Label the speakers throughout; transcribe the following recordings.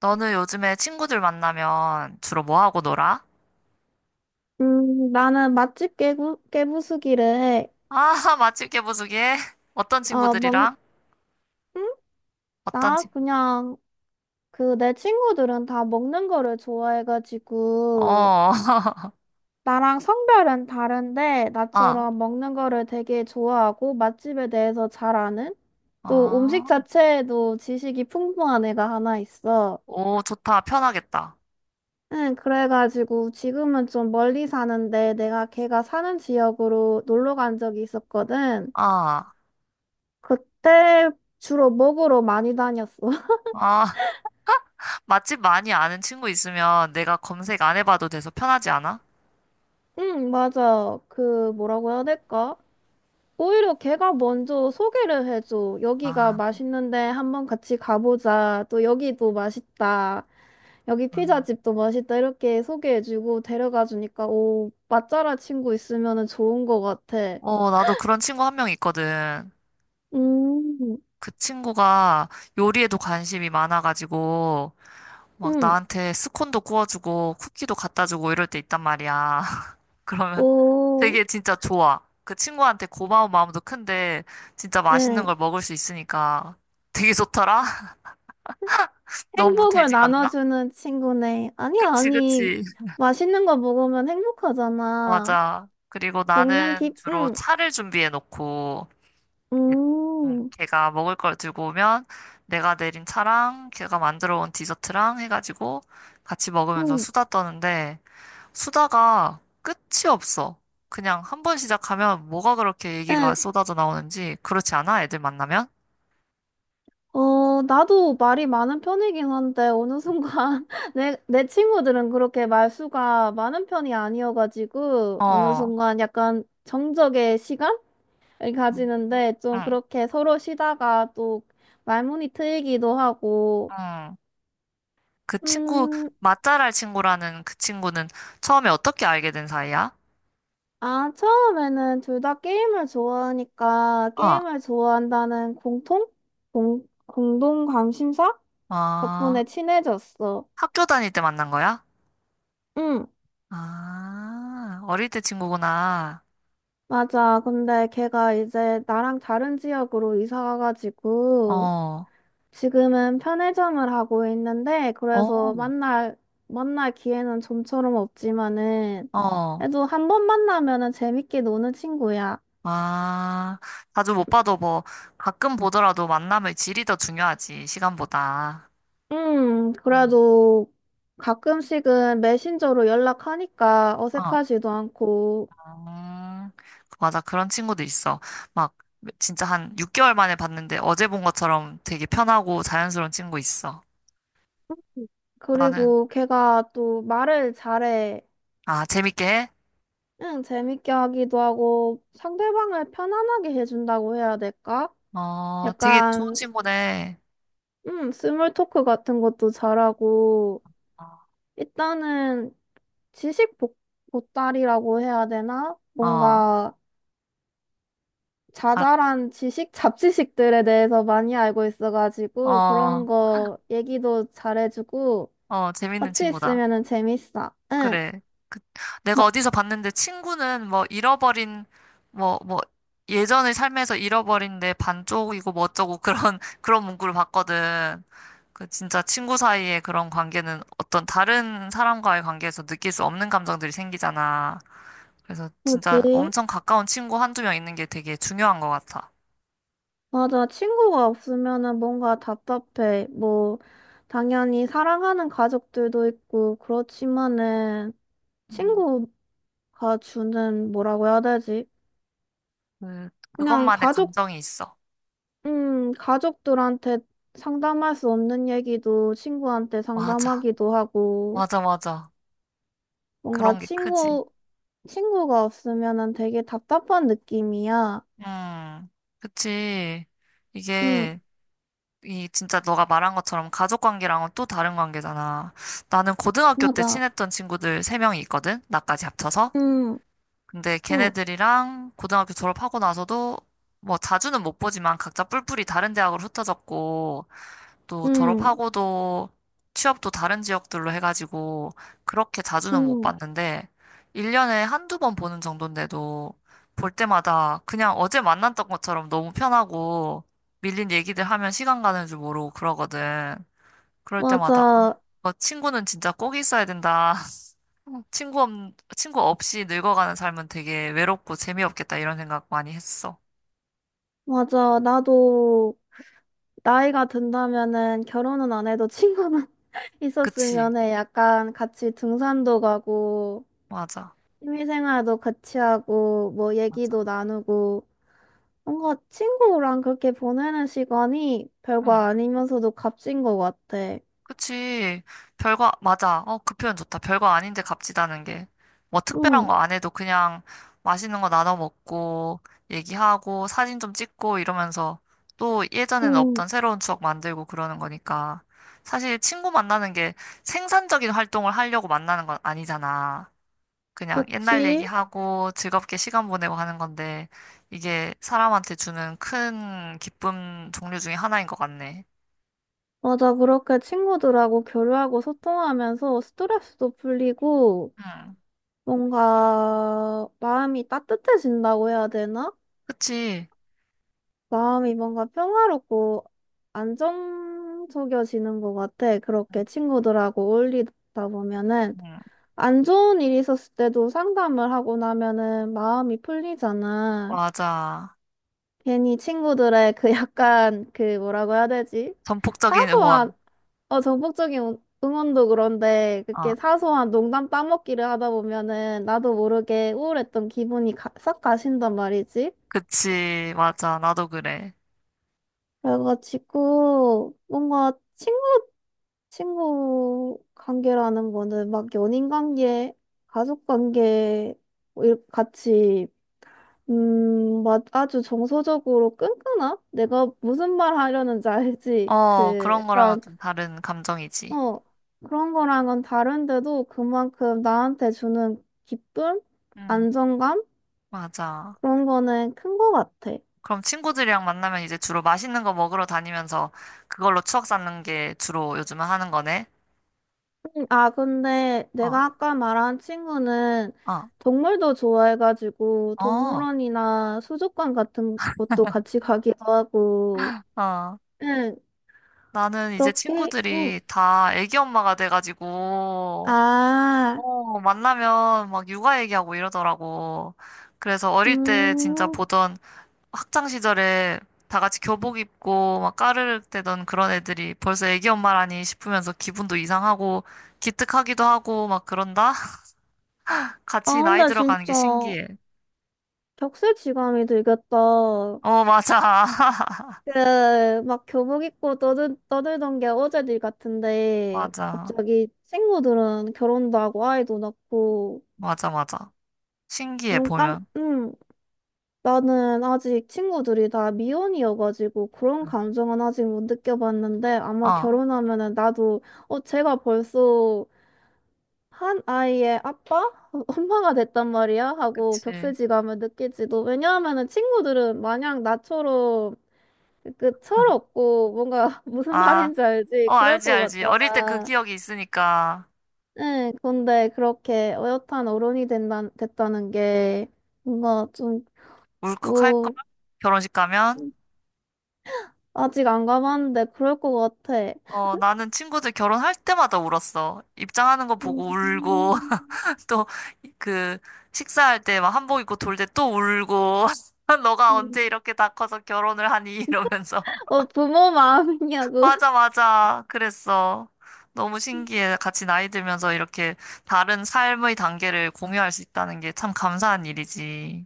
Speaker 1: 너는 요즘에 친구들 만나면 주로 뭐 하고 놀아?
Speaker 2: 나는 맛집 깨부수기를 해.
Speaker 1: 아, 맛집 개보수기 해? 어떤
Speaker 2: 어, 먹,
Speaker 1: 친구들이랑?
Speaker 2: 응?
Speaker 1: 어떤
Speaker 2: 나
Speaker 1: 친구?
Speaker 2: 그냥, 그, 내 친구들은 다 먹는 거를 좋아해가지고,
Speaker 1: 어,
Speaker 2: 나랑 성별은 다른데,
Speaker 1: 아,
Speaker 2: 나처럼 먹는 거를 되게 좋아하고, 맛집에 대해서 잘 아는, 또 음식
Speaker 1: 아,
Speaker 2: 자체에도 지식이 풍부한 애가 하나 있어.
Speaker 1: 오, 좋다. 편하겠다.
Speaker 2: 응, 그래가지고, 지금은 좀 멀리 사는데, 내가 걔가 사는 지역으로 놀러 간 적이 있었거든.
Speaker 1: 아,
Speaker 2: 그때 주로 먹으러 많이 다녔어.
Speaker 1: 아, 맛집 많이 아는 친구 있으면 내가 검색 안 해봐도 돼서 편하지 않아?
Speaker 2: 응, 맞아. 그, 뭐라고 해야 될까? 오히려 걔가 먼저 소개를 해줘. 여기가
Speaker 1: 아,
Speaker 2: 맛있는데 한번 같이 가보자. 또 여기도 맛있다. 여기
Speaker 1: 아.
Speaker 2: 피자집도 맛있다. 이렇게 소개해주고 데려가 주니까, 오, 맛잘알 친구 있으면 좋은 것 같아.
Speaker 1: 어, 나도 그런 친구 한 명 있거든.
Speaker 2: 음.
Speaker 1: 그 친구가 요리에도 관심이 많아가지고, 막
Speaker 2: 응.
Speaker 1: 나한테 스콘도 구워주고 쿠키도 갖다 주고 이럴 때 있단 말이야. 그러면
Speaker 2: 오.
Speaker 1: 되게 진짜 좋아. 그 친구한테 고마운 마음도 큰데 진짜 맛있는
Speaker 2: 응.
Speaker 1: 걸 먹을 수 있으니까 되게 좋더라? 너무
Speaker 2: 행복을
Speaker 1: 되지 않나?
Speaker 2: 나눠주는 친구네. 아니,
Speaker 1: 그치,
Speaker 2: 아니.
Speaker 1: 그치.
Speaker 2: 맛있는 거 먹으면 행복하잖아.
Speaker 1: 맞아. 그리고 나는 주로
Speaker 2: 응,
Speaker 1: 차를 준비해 놓고
Speaker 2: 음,
Speaker 1: 걔가 먹을 걸 들고 오면 내가 내린 차랑 걔가 만들어 온 디저트랑 해가지고 같이 먹으면서
Speaker 2: 응.
Speaker 1: 수다 떠는데 수다가 끝이 없어. 그냥 한 번 시작하면 뭐가 그렇게 얘기가
Speaker 2: 응,
Speaker 1: 쏟아져 나오는지 그렇지 않아? 애들 만나면?
Speaker 2: 어, 나도 말이 많은 편이긴 한데, 어느 순간, 내 친구들은 그렇게 말수가 많은 편이 아니어가지고, 어느
Speaker 1: 어,
Speaker 2: 순간 약간 정적의 시간을
Speaker 1: 응,
Speaker 2: 가지는데, 좀
Speaker 1: 응.
Speaker 2: 그렇게 서로 쉬다가 또 말문이 트이기도 하고,
Speaker 1: 응. 그 친구,
Speaker 2: 음,
Speaker 1: 맛잘알 친구라는 그 친구는 처음에 어떻게 알게 된 사이야?
Speaker 2: 아, 처음에는 둘 다 게임을 좋아하니까,
Speaker 1: 어,
Speaker 2: 게임을 좋아한다는 공통? 공동 관심사?
Speaker 1: 아,
Speaker 2: 덕분에 친해졌어.
Speaker 1: 학교 다닐 때 만난 거야?
Speaker 2: 응.
Speaker 1: 아, 어릴 때 친구구나.
Speaker 2: 맞아. 근데 걔가 이제 나랑 다른 지역으로 이사 가가지고
Speaker 1: 어,
Speaker 2: 지금은 편의점을 하고 있는데
Speaker 1: 어,
Speaker 2: 그래서 만날 기회는 좀처럼 없지만은
Speaker 1: 어,
Speaker 2: 그래도 한 번 만나면은 재밌게 노는 친구야.
Speaker 1: 아, 자주 못 봐도 뭐 가끔 보더라도 만남의 질이 더 중요하지, 시간보다. 어.
Speaker 2: 그래도 가끔씩은 메신저로 연락하니까
Speaker 1: 아,
Speaker 2: 어색하지도 않고
Speaker 1: 음, 맞아. 그런 친구도 있어. 막, 진짜 한 6개월 만에 봤는데 어제 본 것처럼 되게 편하고 자연스러운 친구 있어. 나는,
Speaker 2: 그리고 걔가 또 말을 잘해.
Speaker 1: 아, 재밌게 해?
Speaker 2: 응, 재밌게 하기도 하고 상대방을 편안하게 해준다고 해야 될까?
Speaker 1: 어, 되게 좋은
Speaker 2: 약간
Speaker 1: 친구네.
Speaker 2: 스몰 토크 같은 것도 잘하고
Speaker 1: 어,
Speaker 2: 일단은 지식 보따리라고 해야 되나?
Speaker 1: 어,
Speaker 2: 뭔가
Speaker 1: 아,
Speaker 2: 자잘한 지식, 잡지식들에 대해서 많이 알고 있어가지고 그런
Speaker 1: 어,
Speaker 2: 거 얘기도 잘해주고
Speaker 1: 어, 재밌는
Speaker 2: 같이
Speaker 1: 친구다.
Speaker 2: 있으면은 재밌어. 응,
Speaker 1: 그래. 그, 내가
Speaker 2: 너
Speaker 1: 어디서 봤는데 친구는 뭐 잃어버린, 뭐, 예전의 삶에서 잃어버린 내 반쪽이고 뭐 어쩌고 그런, 그런 문구를 봤거든. 그 진짜 친구 사이의 그런 관계는 어떤 다른 사람과의 관계에서 느낄 수 없는 감정들이 생기잖아. 그래서 진짜
Speaker 2: 뭐지?
Speaker 1: 엄청 가까운 친구 한두 명 있는 게 되게 중요한 것 같아.
Speaker 2: 맞아. 친구가 없으면은 뭔가 답답해. 뭐, 당연히 사랑하는 가족들도 있고, 그렇지만은,
Speaker 1: 음.
Speaker 2: 친구가 주는 뭐라고 해야 되지?
Speaker 1: 그,
Speaker 2: 그냥
Speaker 1: 그것만의 감정이 있어.
Speaker 2: 가족들한테 상담할 수 없는 얘기도 친구한테
Speaker 1: 맞아.
Speaker 2: 상담하기도 하고,
Speaker 1: 맞아, 맞아.
Speaker 2: 뭔가
Speaker 1: 그런 게 크지.
Speaker 2: 친구가 없으면은 되게 답답한 느낌이야.
Speaker 1: 음, 그치.
Speaker 2: 응,
Speaker 1: 이게, 이 진짜 너가 말한 것처럼 가족 관계랑은 또 다른 관계잖아. 나는 고등학교 때
Speaker 2: 맞아.
Speaker 1: 친했던 친구들 세명이 있거든? 나까지 합쳐서.
Speaker 2: 응,
Speaker 1: 근데
Speaker 2: 응,
Speaker 1: 걔네들이랑 고등학교 졸업하고 나서도 뭐 자주는 못 보지만 각자 뿔뿔이 다른 대학으로 흩어졌고 또
Speaker 2: 응,
Speaker 1: 졸업하고도 취업도 다른 지역들로 해가지고 그렇게 자주는 못
Speaker 2: 응,
Speaker 1: 봤는데 1년에 한두 번 보는 정도인데도 볼 때마다 그냥 어제 만났던 것처럼 너무 편하고 밀린 얘기들 하면 시간 가는 줄 모르고 그러거든. 그럴 때마다 아,
Speaker 2: 맞아.
Speaker 1: 너 친구는 진짜 꼭 있어야 된다. 어, 친구 없, 친구 없이 늙어가는 삶은 되게 외롭고 재미없겠다 이런 생각 많이 했어.
Speaker 2: 맞아. 나도 나이가 든다면은 결혼은 안 해도 친구는
Speaker 1: 그치?
Speaker 2: 있었으면 해. 약간 같이 등산도 가고,
Speaker 1: 맞아.
Speaker 2: 취미생활도 같이 하고, 뭐 얘기도
Speaker 1: 맞아.
Speaker 2: 나누고, 뭔가 친구랑 그렇게 보내는 시간이 별거
Speaker 1: 응.
Speaker 2: 아니면서도 값진 것 같아.
Speaker 1: 그치. 별거, 맞아. 어, 그 표현 좋다. 별거 아닌데 값지다는 게. 뭐 특별한
Speaker 2: 응,
Speaker 1: 거 안 해도 그냥 맛있는 거 나눠 먹고, 얘기하고, 사진 좀 찍고 이러면서 또 예전에는
Speaker 2: 응,
Speaker 1: 없던 새로운 추억 만들고 그러는 거니까. 사실 친구 만나는 게 생산적인 활동을 하려고 만나는 건 아니잖아. 그냥 옛날
Speaker 2: 그치?
Speaker 1: 얘기하고 즐겁게 시간 보내고 하는 건데, 이게 사람한테 주는 큰 기쁨 종류 중에 하나인 것 같네.
Speaker 2: 맞아, 그렇게 친구들하고 교류하고 소통하면서 스트레스도 풀리고,
Speaker 1: 응,
Speaker 2: 뭔가 마음이 따뜻해진다고 해야 되나?
Speaker 1: 그치.
Speaker 2: 마음이 뭔가 평화롭고 안정적이어지는 것 같아. 그렇게 친구들하고 어울리다 보면은
Speaker 1: 응,
Speaker 2: 안 좋은 일이 있었을 때도 상담을 하고 나면은 마음이 풀리잖아.
Speaker 1: 맞아.
Speaker 2: 괜히 친구들의 그 약간 그 뭐라고 해야 되지?
Speaker 1: 전폭적인
Speaker 2: 사소한,
Speaker 1: 응원.
Speaker 2: 정복적인 응원도 그런데
Speaker 1: 아,
Speaker 2: 그렇게 사소한 농담 따먹기를 하다 보면은 나도 모르게 우울했던 기분이 싹 가신단 말이지.
Speaker 1: 그치. 맞아. 나도 그래.
Speaker 2: 그래가지고 뭔가 친구 관계라는 거는 막 연인 관계, 가족 관계 뭐 이렇게 같이 막 아주 정서적으로 끈끈함? 내가 무슨 말 하려는지 알지?
Speaker 1: 어,
Speaker 2: 그
Speaker 1: 그런 거랑은
Speaker 2: 약간
Speaker 1: 좀 다른 감정이지.
Speaker 2: 어 그런 거랑은 다른데도 그만큼 나한테 주는 기쁨,
Speaker 1: 응,
Speaker 2: 안정감
Speaker 1: 맞아.
Speaker 2: 그런 거는 큰 거 같아.
Speaker 1: 그럼 친구들이랑 만나면 이제 주로 맛있는 거 먹으러 다니면서 그걸로 추억 쌓는 게 주로 요즘은 하는 거네.
Speaker 2: 아, 근데
Speaker 1: 어,
Speaker 2: 내가 아까 말한 친구는
Speaker 1: 어,
Speaker 2: 동물도 좋아해가지고
Speaker 1: 어,
Speaker 2: 동물원이나 수족관 같은 곳도 같이 가기도 하고,
Speaker 1: 어.
Speaker 2: 응,
Speaker 1: 나는 이제
Speaker 2: 그렇게, 응.
Speaker 1: 친구들이 다 애기 엄마가 돼가지고,
Speaker 2: 아,
Speaker 1: 어, 만나면 막 육아 얘기하고 이러더라고. 그래서 어릴 때 진짜
Speaker 2: 음,
Speaker 1: 보던 학창 시절에 다 같이 교복 입고 막 까르륵 대던 그런 애들이 벌써 애기 엄마라니 싶으면서 기분도 이상하고 기특하기도 하고 막 그런다? 같이
Speaker 2: 아,
Speaker 1: 나이
Speaker 2: 근데
Speaker 1: 들어가는 게
Speaker 2: 진짜
Speaker 1: 신기해.
Speaker 2: 격세지감이 들겠다.
Speaker 1: 어, 맞아.
Speaker 2: 그, 막 교복 입고 떠들던 게 어제들 같은데,
Speaker 1: 맞아.
Speaker 2: 갑자기 친구들은 결혼도 하고 아이도 낳고,
Speaker 1: 맞아, 맞아. 신기해, 보면.
Speaker 2: 응. 나는 아직 친구들이 다 미혼이어가지고 그런 감정은 아직 못 느껴봤는데
Speaker 1: 응.
Speaker 2: 아마
Speaker 1: 어,
Speaker 2: 결혼하면은 나도 제가 벌써 한 아이의 아빠? 엄마가 됐단 말이야? 하고
Speaker 1: 그치.
Speaker 2: 격세지감을 느낄지도 왜냐하면은 친구들은 마냥 나처럼 그 철없고 뭔가 무슨
Speaker 1: 아.
Speaker 2: 말인지 알지?
Speaker 1: 어,
Speaker 2: 그럴
Speaker 1: 알지,
Speaker 2: 것
Speaker 1: 알지. 어릴 때 그
Speaker 2: 같잖아.
Speaker 1: 기억이 있으니까
Speaker 2: 응, 근데 그렇게 어엿한 어른이 된다, 됐다는 게 뭔가 좀
Speaker 1: 울컥할걸?
Speaker 2: 뭐.
Speaker 1: 결혼식 가면?
Speaker 2: 아직 안 가봤는데 그럴 것 같아.
Speaker 1: 어, 나는 친구들 결혼할 때마다 울었어. 입장하는 거 보고
Speaker 2: 음.
Speaker 1: 울고, 또, 그, 식사할 때 막 한복 입고 돌 때 또 울고, 너가 언제
Speaker 2: 음.
Speaker 1: 이렇게 다 커서 결혼을 하니? 이러면서.
Speaker 2: 어, 부모 마음이냐고.
Speaker 1: 맞아, 맞아. 그랬어. 너무 신기해. 같이 나이 들면서 이렇게 다른 삶의 단계를 공유할 수 있다는 게 참 감사한 일이지.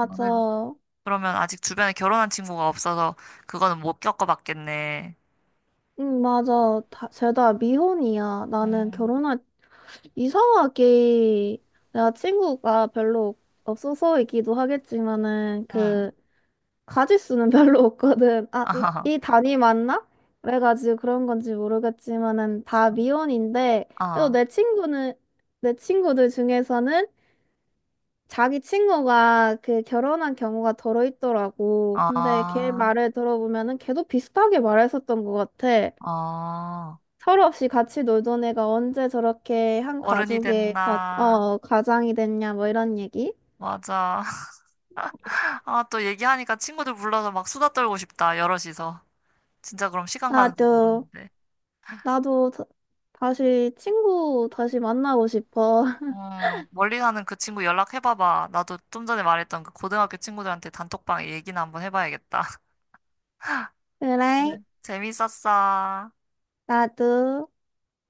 Speaker 1: 나는 그러면 아직 주변에 결혼한 친구가 없어서 그거는 못 겪어봤겠네.
Speaker 2: 응, 맞아. 다, 쟤다 미혼이야.
Speaker 1: 음,
Speaker 2: 이상하게, 내가 친구가 별로 없어서이기도 하겠지만은,
Speaker 1: 음,
Speaker 2: 그, 가짓수는 별로 없거든. 아,
Speaker 1: 아,
Speaker 2: 이 단위 맞나? 그래가지고 그런 건지 모르겠지만은, 다 미혼인데, 그래도
Speaker 1: 아,
Speaker 2: 내 친구들 중에서는 자기 친구가 그 결혼한 경우가 더러 있더라고. 근데 걔
Speaker 1: 아,
Speaker 2: 말을 들어보면은 걔도 비슷하게 말했었던 것 같아.
Speaker 1: 아,
Speaker 2: 서로 없이 같이 놀던 애가 언제 저렇게 한
Speaker 1: 어른이
Speaker 2: 가족의
Speaker 1: 됐나.
Speaker 2: 가장이 됐냐, 뭐 이런 얘기?
Speaker 1: 맞아. 아, 또 얘기하니까 친구들 불러서 막 수다 떨고 싶다, 여럿이서. 진짜 그럼 시간 가는 줄
Speaker 2: 나도,
Speaker 1: 모르는데.
Speaker 2: 나도 다시 만나고 싶어.
Speaker 1: 멀리 사는 그 친구 연락해봐봐. 나도 좀 전에 말했던 그 고등학교 친구들한테 단톡방에 얘기나 한번 해봐야겠다. 네.
Speaker 2: 그래,
Speaker 1: 재밌었어.
Speaker 2: 나도.